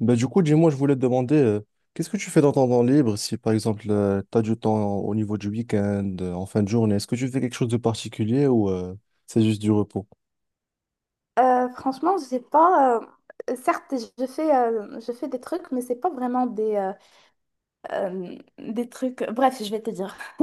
Bah, du coup, dis-moi, je voulais te demander, qu'est-ce que tu fais dans ton temps libre si, par exemple, tu as du temps au niveau du week-end, en fin de journée? Est-ce que tu fais quelque chose de particulier ou c'est juste du repos? Franchement, j'ai pas. Certes, je fais des trucs, mais c'est pas vraiment des trucs. Bref, je vais te dire.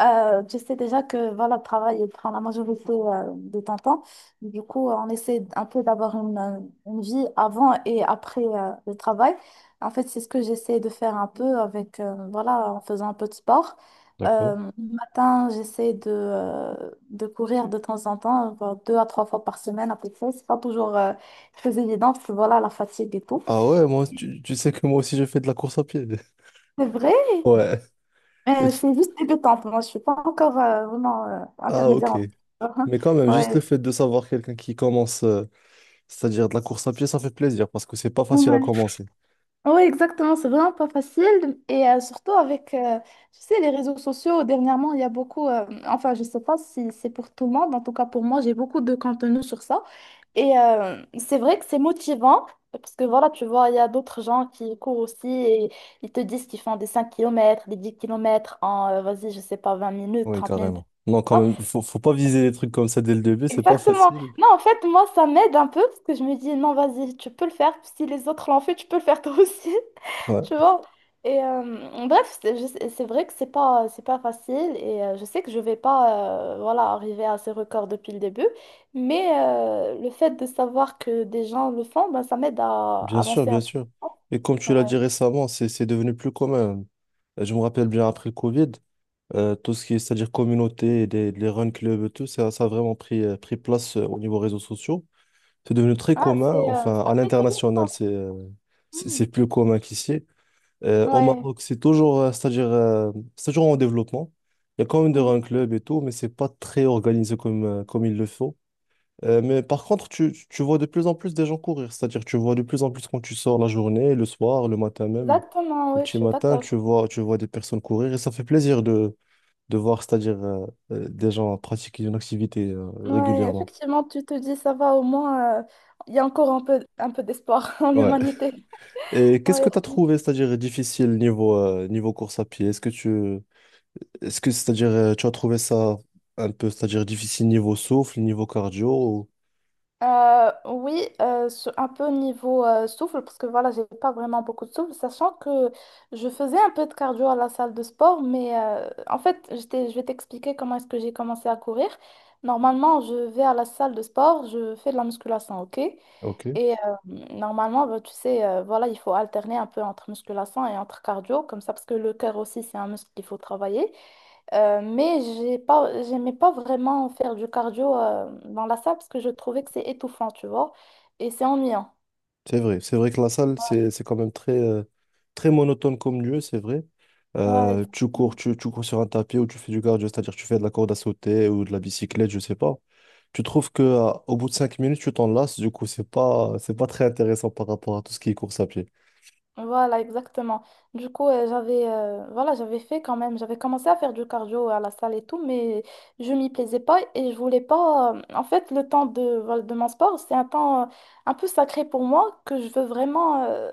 Tu sais déjà que voilà, le travail il prend la majorité de ton temps. Du coup, on essaie un peu d'avoir une vie avant et après le travail. En fait, c'est ce que j'essaie de faire un peu avec, voilà, en faisant un peu de sport. D'accord. Le matin, j'essaie de courir de temps en temps, genre deux à trois fois par semaine à peu près. C'est pas toujours très évident parce que voilà, la fatigue et tout. Ah ouais, moi, tu sais que moi aussi, je fais de la course à pied. C'est vrai. Ouais. Et- Je suis juste débutante, moi, je suis pas encore vraiment Ah, intermédiaire. ok. Uhum. Mais quand même, juste le Ouais. fait de savoir quelqu'un qui commence, c'est-à-dire de la course à pied, ça fait plaisir parce que c'est pas facile à Ouais. commencer. Ouais, exactement, c'est vraiment pas facile. Surtout avec, tu sais, les réseaux sociaux, dernièrement, il y a enfin, je sais pas si c'est pour tout le monde, en tout cas pour moi, j'ai beaucoup de contenu sur ça. C'est vrai que c'est motivant, parce que voilà, tu vois, il y a d'autres gens qui courent aussi et ils te disent qu'ils font des 5 km des 10 km en, vas-y, je sais pas, 20 minutes, Oui, 30 minutes. carrément. Non, quand même, faut pas viser des trucs comme ça dès le début, c'est pas Exactement. facile. Non, en fait, moi, ça m'aide un peu parce que je me dis, non, vas-y, tu peux le faire. Si les autres l'ont fait, tu peux le faire toi aussi. Tu Ouais. vois? Bref, c'est vrai que c'est pas facile et je sais que je vais pas voilà, arriver à ces records depuis le début, mais le fait de savoir que des gens le font, ben, ça m'aide à Bien sûr, avancer bien un peu. sûr. Et comme tu l'as Ouais. dit récemment, c'est devenu plus commun. Je me rappelle bien après le Covid, tout ce qui est, c'est-à-dire communauté, et les run clubs et tout, ça a vraiment pris place au niveau réseaux sociaux. C'est devenu très Ah, commun. Enfin, c'est à après Covid, ça. l'international, c'est euh, c'est Hmm. c'est plus commun qu'ici. Au Ouais. Maroc, c'est toujours, c'est-à-dire, c'est toujours en développement. Il y a quand même des Mhm. run clubs et tout, mais c'est pas très organisé comme il le faut. Mais par contre, tu vois de plus en plus des gens courir, c'est-à-dire tu vois de plus en plus quand tu sors la journée, le soir, le matin même, Exactement, au oui, je petit suis matin, d'accord. tu vois des personnes courir et ça fait plaisir de voir, c'est-à-dire des gens pratiquer une activité Ouais, régulièrement. effectivement, tu te dis, ça va, au moins, il y a encore un peu d'espoir en Ouais. l'humanité. Et qu'est-ce Ouais. que tu as trouvé, c'est-à-dire difficile niveau course à pied? Est-ce que est-ce que, c'est-à-dire tu as trouvé ça un peu, c'est-à-dire difficile niveau souffle, niveau cardio? Oui, un peu niveau souffle, parce que voilà, j'ai pas vraiment beaucoup de souffle, sachant que je faisais un peu de cardio à la salle de sport, mais en fait, je vais t'expliquer comment est-ce que j'ai commencé à courir. Normalement, je vais à la salle de sport, je fais de la musculation, ok? Ok. Et euh, Normalement, bah, tu sais, voilà, il faut alterner un peu entre musculation et entre cardio, comme ça, parce que le cœur aussi, c'est un muscle qu'il faut travailler. Mais j'aimais pas vraiment faire du cardio dans la salle, parce que je trouvais que c'est étouffant, tu vois, et c'est ennuyant. C'est vrai que la salle, Ouais, c'est quand même très monotone comme lieu, c'est vrai. ouais, Tu cours, exactement. tu cours sur un tapis ou tu fais du cardio, c'est-à-dire tu fais de la corde à sauter ou de la bicyclette, je sais pas. Tu trouves que au bout de cinq minutes, tu t'en lasses, du coup, c'est pas très intéressant par rapport à tout ce qui est course à pied. Voilà, exactement. Du coup, j'avais fait quand même, j'avais commencé à faire du cardio à la salle et tout, mais je m'y plaisais pas et je voulais pas. En fait, le temps de mon sport, c'est un temps un peu sacré pour moi que je veux vraiment,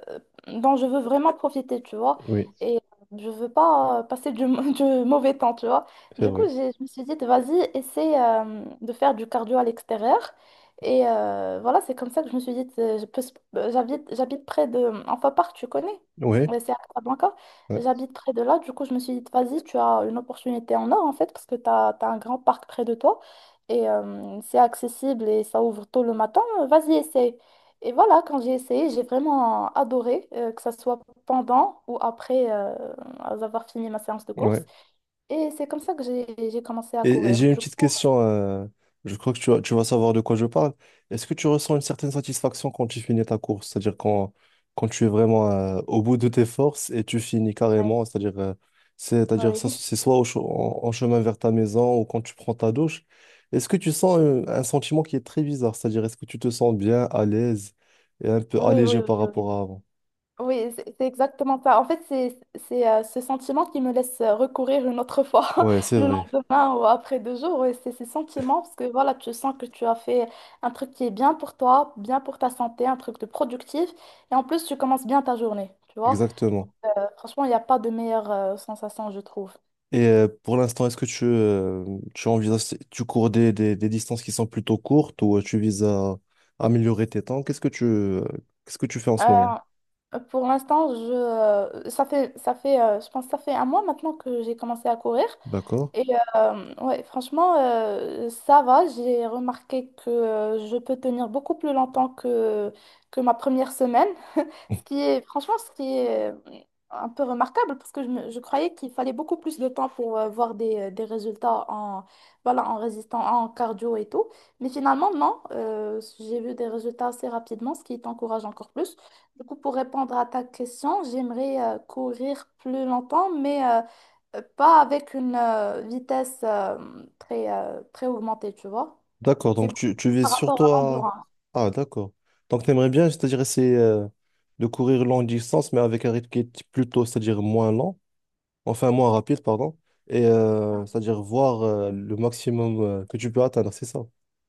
dont je veux vraiment profiter, tu vois. Oui, Et je veux pas passer du mauvais temps, tu vois. c'est Du coup, vrai. Je me suis dit, vas-y, essaie de faire du cardio à l'extérieur. Voilà, c'est comme ça que je me suis dit, j'habite près de Enfin parc tu connais. Oui, C'est à Casablanca. ouais, J'habite près de là, du coup, je me suis dit, vas-y, tu as une opportunité en or en fait, parce que tu as, un grand parc près de toi et c'est accessible et ça ouvre tôt le matin. Vas-y, essaye. Et voilà, quand j'ai essayé, j'ai vraiment adoré, que ça soit pendant ou après avoir fini ma séance de course. ouais. Et c'est comme ça que j'ai commencé à Et courir. j'ai une Du coup, petite question. Je crois que tu vas savoir de quoi je parle. Est-ce que tu ressens une certaine satisfaction quand tu finis ta course? C'est-à-dire quand, quand tu es vraiment au bout de tes forces et tu finis ouais, carrément. C'est-à-dire ça, oui, c'est soit en, chemin vers ta maison ou quand tu prends ta douche. Est-ce que tu sens sentiment qui est très bizarre? C'est-à-dire est-ce que tu te sens bien, à l'aise et un peu oui, oui, allégé oui. par Oui. rapport à avant? Oui, c'est exactement ça. En fait, ce sentiment qui me laisse recourir une autre fois Ouais, c'est le vrai. lendemain ou après 2 jours. Et c'est ces sentiments parce que voilà, tu sens que tu as fait un truc qui est bien pour toi, bien pour ta santé, un truc de productif. Et en plus, tu commences bien ta journée. Tu vois. Exactement. Franchement, il n'y a pas de meilleure sensation, je trouve. Et pour l'instant, est-ce que tu envisages, tu cours des, distances qui sont plutôt courtes ou tu vises à améliorer tes temps? Qu'est-ce que tu fais en ce moment? Euh, pour l'instant, je ça fait je pense que ça fait un mois maintenant que j'ai commencé à courir. D'accord. Et ouais, franchement, ça va. J'ai remarqué que je peux tenir beaucoup plus longtemps que ma première semaine. Franchement, ce qui est un peu remarquable parce que je croyais qu'il fallait beaucoup plus de temps pour voir des résultats voilà, en résistant, en cardio et tout. Mais finalement, non, j'ai vu des résultats assez rapidement, ce qui t'encourage encore plus. Du coup, pour répondre à ta question, j'aimerais courir plus longtemps, mais pas avec une vitesse très augmentée, tu vois. D'accord. C'est Donc, tu beaucoup vises par rapport à surtout à. l'endurance. Ah, d'accord. Donc, tu aimerais bien, c'est-à-dire essayer de courir longue distance, mais avec un rythme qui est plutôt, c'est-à-dire moins lent, enfin moins rapide, pardon, et c'est-à-dire voir le maximum que tu peux atteindre, c'est ça?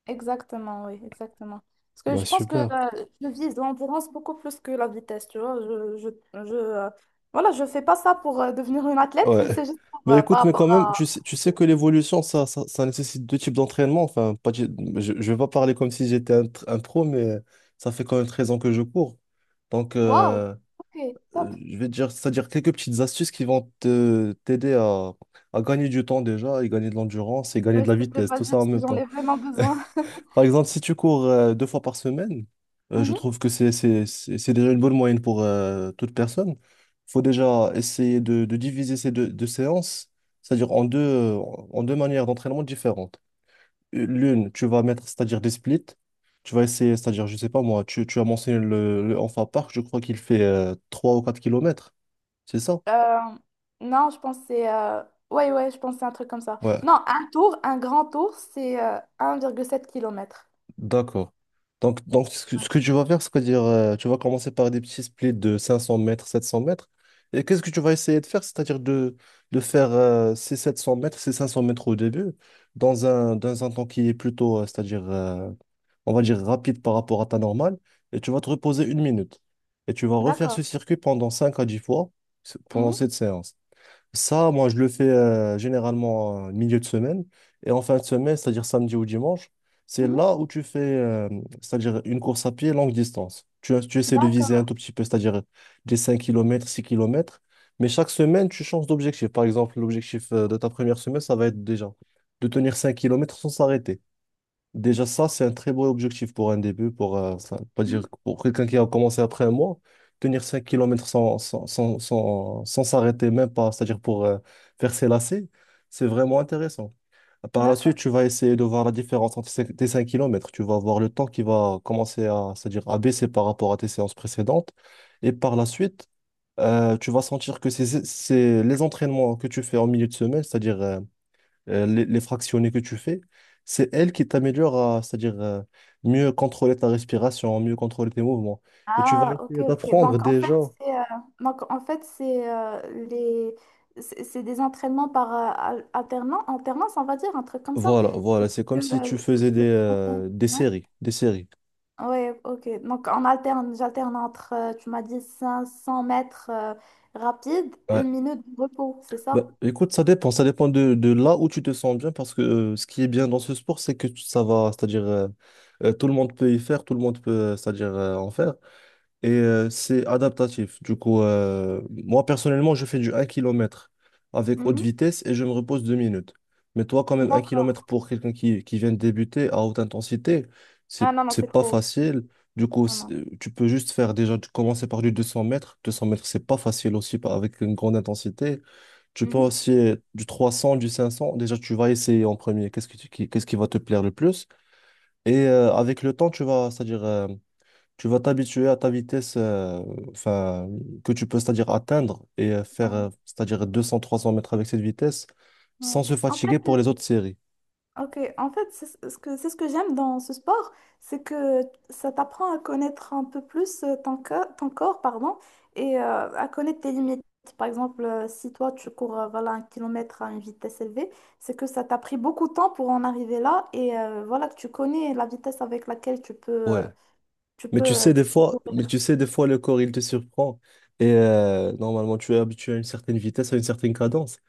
Exactement, oui, exactement. Parce que Bah, je pense que super. Je vise l'endurance beaucoup plus que la vitesse, tu vois. Je, euh, voilà, je fais pas ça pour devenir une athlète, Ouais. c'est juste Mais par écoute, mais rapport quand même, tu à... sais, tu sais que l'évolution, ça nécessite deux types d'entraînement. Enfin, pas, du- je ne vais pas parler comme si j'étais un pro, mais ça fait quand même 13 ans que je cours. Donc, Waouh! Ok, top. Je vais te dire, c'est-à-dire quelques petites astuces qui vont te t'aider à gagner du temps déjà, et gagner de l'endurance, et gagner Ouais, de s'il la te plaît, vitesse, tout vas-y, ça en parce que même j'en ai temps. vraiment besoin. Par exemple, si tu cours 2 fois par semaine, je Mhm. trouve que c'est déjà une bonne moyenne pour toute personne. Il faut déjà essayer de diviser ces deux, séances, c'est-à-dire en deux manières d'entraînement différentes. L'une, tu vas mettre, c'est-à-dire des splits. Tu vas essayer, c'est-à-dire, je sais pas moi, tu as mentionné le Enfa Park, je crois qu'il fait 3 ou 4 kilomètres, c'est ça? Euh, non, je pense que c'est... Ouais, ouais, je pense que c'est un truc comme ça. Ouais. Non, un grand tour, c'est 1,7 km. D'accord. Donc, ce que tu vas faire, c'est-à-dire, tu vas commencer par des petits splits de 500 mètres, 700 mètres. Et qu'est-ce que tu vas essayer de faire? C'est-à-dire de faire ces 700 mètres, ces 500 mètres au début, dans un temps qui est plutôt, c'est-à-dire, on va dire, rapide par rapport à ta normale. Et tu vas te reposer 1 minute. Et tu vas refaire D'accord. ce circuit pendant 5 à 10 fois, pendant Mhm. cette séance. Ça, moi, je le fais généralement milieu de semaine. Et en fin de semaine, c'est-à-dire samedi ou dimanche, c'est Mhm. là où tu fais, c'est-à-dire une course à pied longue distance. Tu essaies de viser un D'accord. tout petit peu, c'est-à-dire des 5 kilomètres, 6 kilomètres. Mais chaque semaine, tu changes d'objectif. Par exemple, l'objectif de ta première semaine, ça va être déjà de tenir 5 kilomètres sans s'arrêter. Déjà, ça, c'est un très beau objectif pour un début, ça veut pas dire Mhm. que pour quelqu'un qui a commencé après un mois, tenir 5 kilomètres sans s'arrêter même pas, c'est-à-dire pour faire ses lacets, c'est vraiment intéressant. Par la suite, D'accord. tu vas essayer de voir la différence entre tes 5 kilomètres. Tu vas voir le temps qui va commencer à baisser par rapport à tes séances précédentes. Et par la suite, tu vas sentir que c'est les entraînements que tu fais en milieu de semaine, c'est-à-dire les fractionnés que tu fais, c'est elle qui t'améliore à, c'est-à-dire mieux contrôler ta respiration, mieux contrôler tes mouvements. Et tu vas Ah, ok, essayer ok. d'apprendre déjà. c'est euh, donc, en fait, c'est les... c'est des entraînements par alternance, alternance, on va dire, un truc comme ça. Voilà, voilà, c'est comme Le, si tu le- faisais des, le premier. euh, des Ouais. séries, des séries. Ouais, ok. Donc, j'alterne entre, tu m'as dit, 500 mètres rapide, Ouais. une minute de repos, c'est Bah, ça? écoute, ça dépend de là où tu te sens bien, parce que ce qui est bien dans ce sport, c'est que ça va, c'est-à-dire tout le monde peut y faire, tout le monde peut, c'est-à-dire en faire. Et c'est adaptatif. Du coup, moi personnellement, je fais du 1 kilomètre avec haute Mhm. vitesse et je me repose 2 minutes. Mais toi, quand même, un D'accord. kilomètre pour quelqu'un qui vient de débuter à haute intensité, c'est, Ah non, non, c'est c'est pas trop. facile. Du coup, Non, non. tu peux juste faire déjà, tu commencer par du 200 mètres. 200 mètres, c'est pas facile aussi avec une grande intensité. Tu peux Mhm. aussi du 300 du 500. Déjà, tu vas essayer en premier. Qu'est-ce que qu'est-ce qui va te plaire le plus? Et avec le temps, tu vas, c'est-à-dire. Tu vas, t'habituer à ta vitesse, enfin, que tu peux, c'est-à-dire atteindre et faire, Ouais, euh, c'est-à-dire 200, 300 mètres avec cette vitesse ouais. sans se En fait, fatiguer pour les euh, autres séries. ok, en fait, c'est ce que j'aime dans ce sport, c'est que ça t'apprend à connaître un peu plus ton corps, pardon, et à connaître tes limites. Par exemple, si toi tu cours voilà, un kilomètre à une vitesse élevée, c'est que ça t'a pris beaucoup de temps pour en arriver là, et voilà que tu connais la vitesse avec laquelle Ouais, mais tu sais, des tu peux fois, courir. mais tu sais, des fois, le corps, il te surprend. Et normalement, tu es habitué à une certaine vitesse, à une certaine cadence.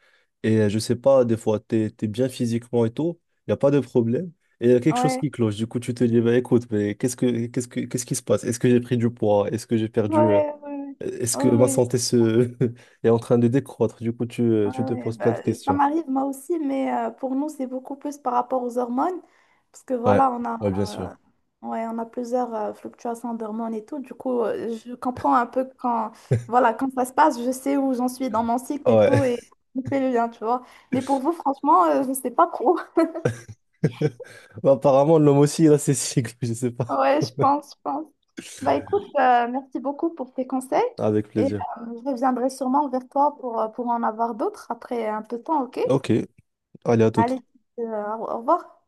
Et je sais pas, des fois, tu es, bien physiquement et tout, il n'y a pas de problème. Et il y a quelque chose Ouais, qui cloche. Du coup, tu te dis, bah, écoute, mais qu'est-ce qui se passe? Est-ce que j'ai pris du poids? Est-ce que j'ai ouais, perdu? ouais. Ouais. Est-ce que Oh, ma oui. santé est en train de décroître? Du coup, tu, euh, Ouais, tu te ouais, poses plein de bah, ça questions. m'arrive moi aussi, mais pour nous, c'est beaucoup plus par rapport aux hormones, parce que Ouais, voilà, ouais, bien sûr. On a plusieurs fluctuations d'hormones et tout. Du coup, je comprends un peu voilà, quand ça se passe, je sais où j'en suis dans mon cycle et Ouais. tout, et je fais le lien, tu vois. Mais pour vous, franchement, je ne sais pas trop. Bah, apparemment, l'homme aussi, il a ses cycles, je sais pas. Ouais, je pense, je pense. Bah écoute, merci beaucoup pour tes conseils, Avec et plaisir. Je reviendrai sûrement vers toi pour en avoir d'autres après un peu de temps, ok? Ok. Hola, Allez, au revoir.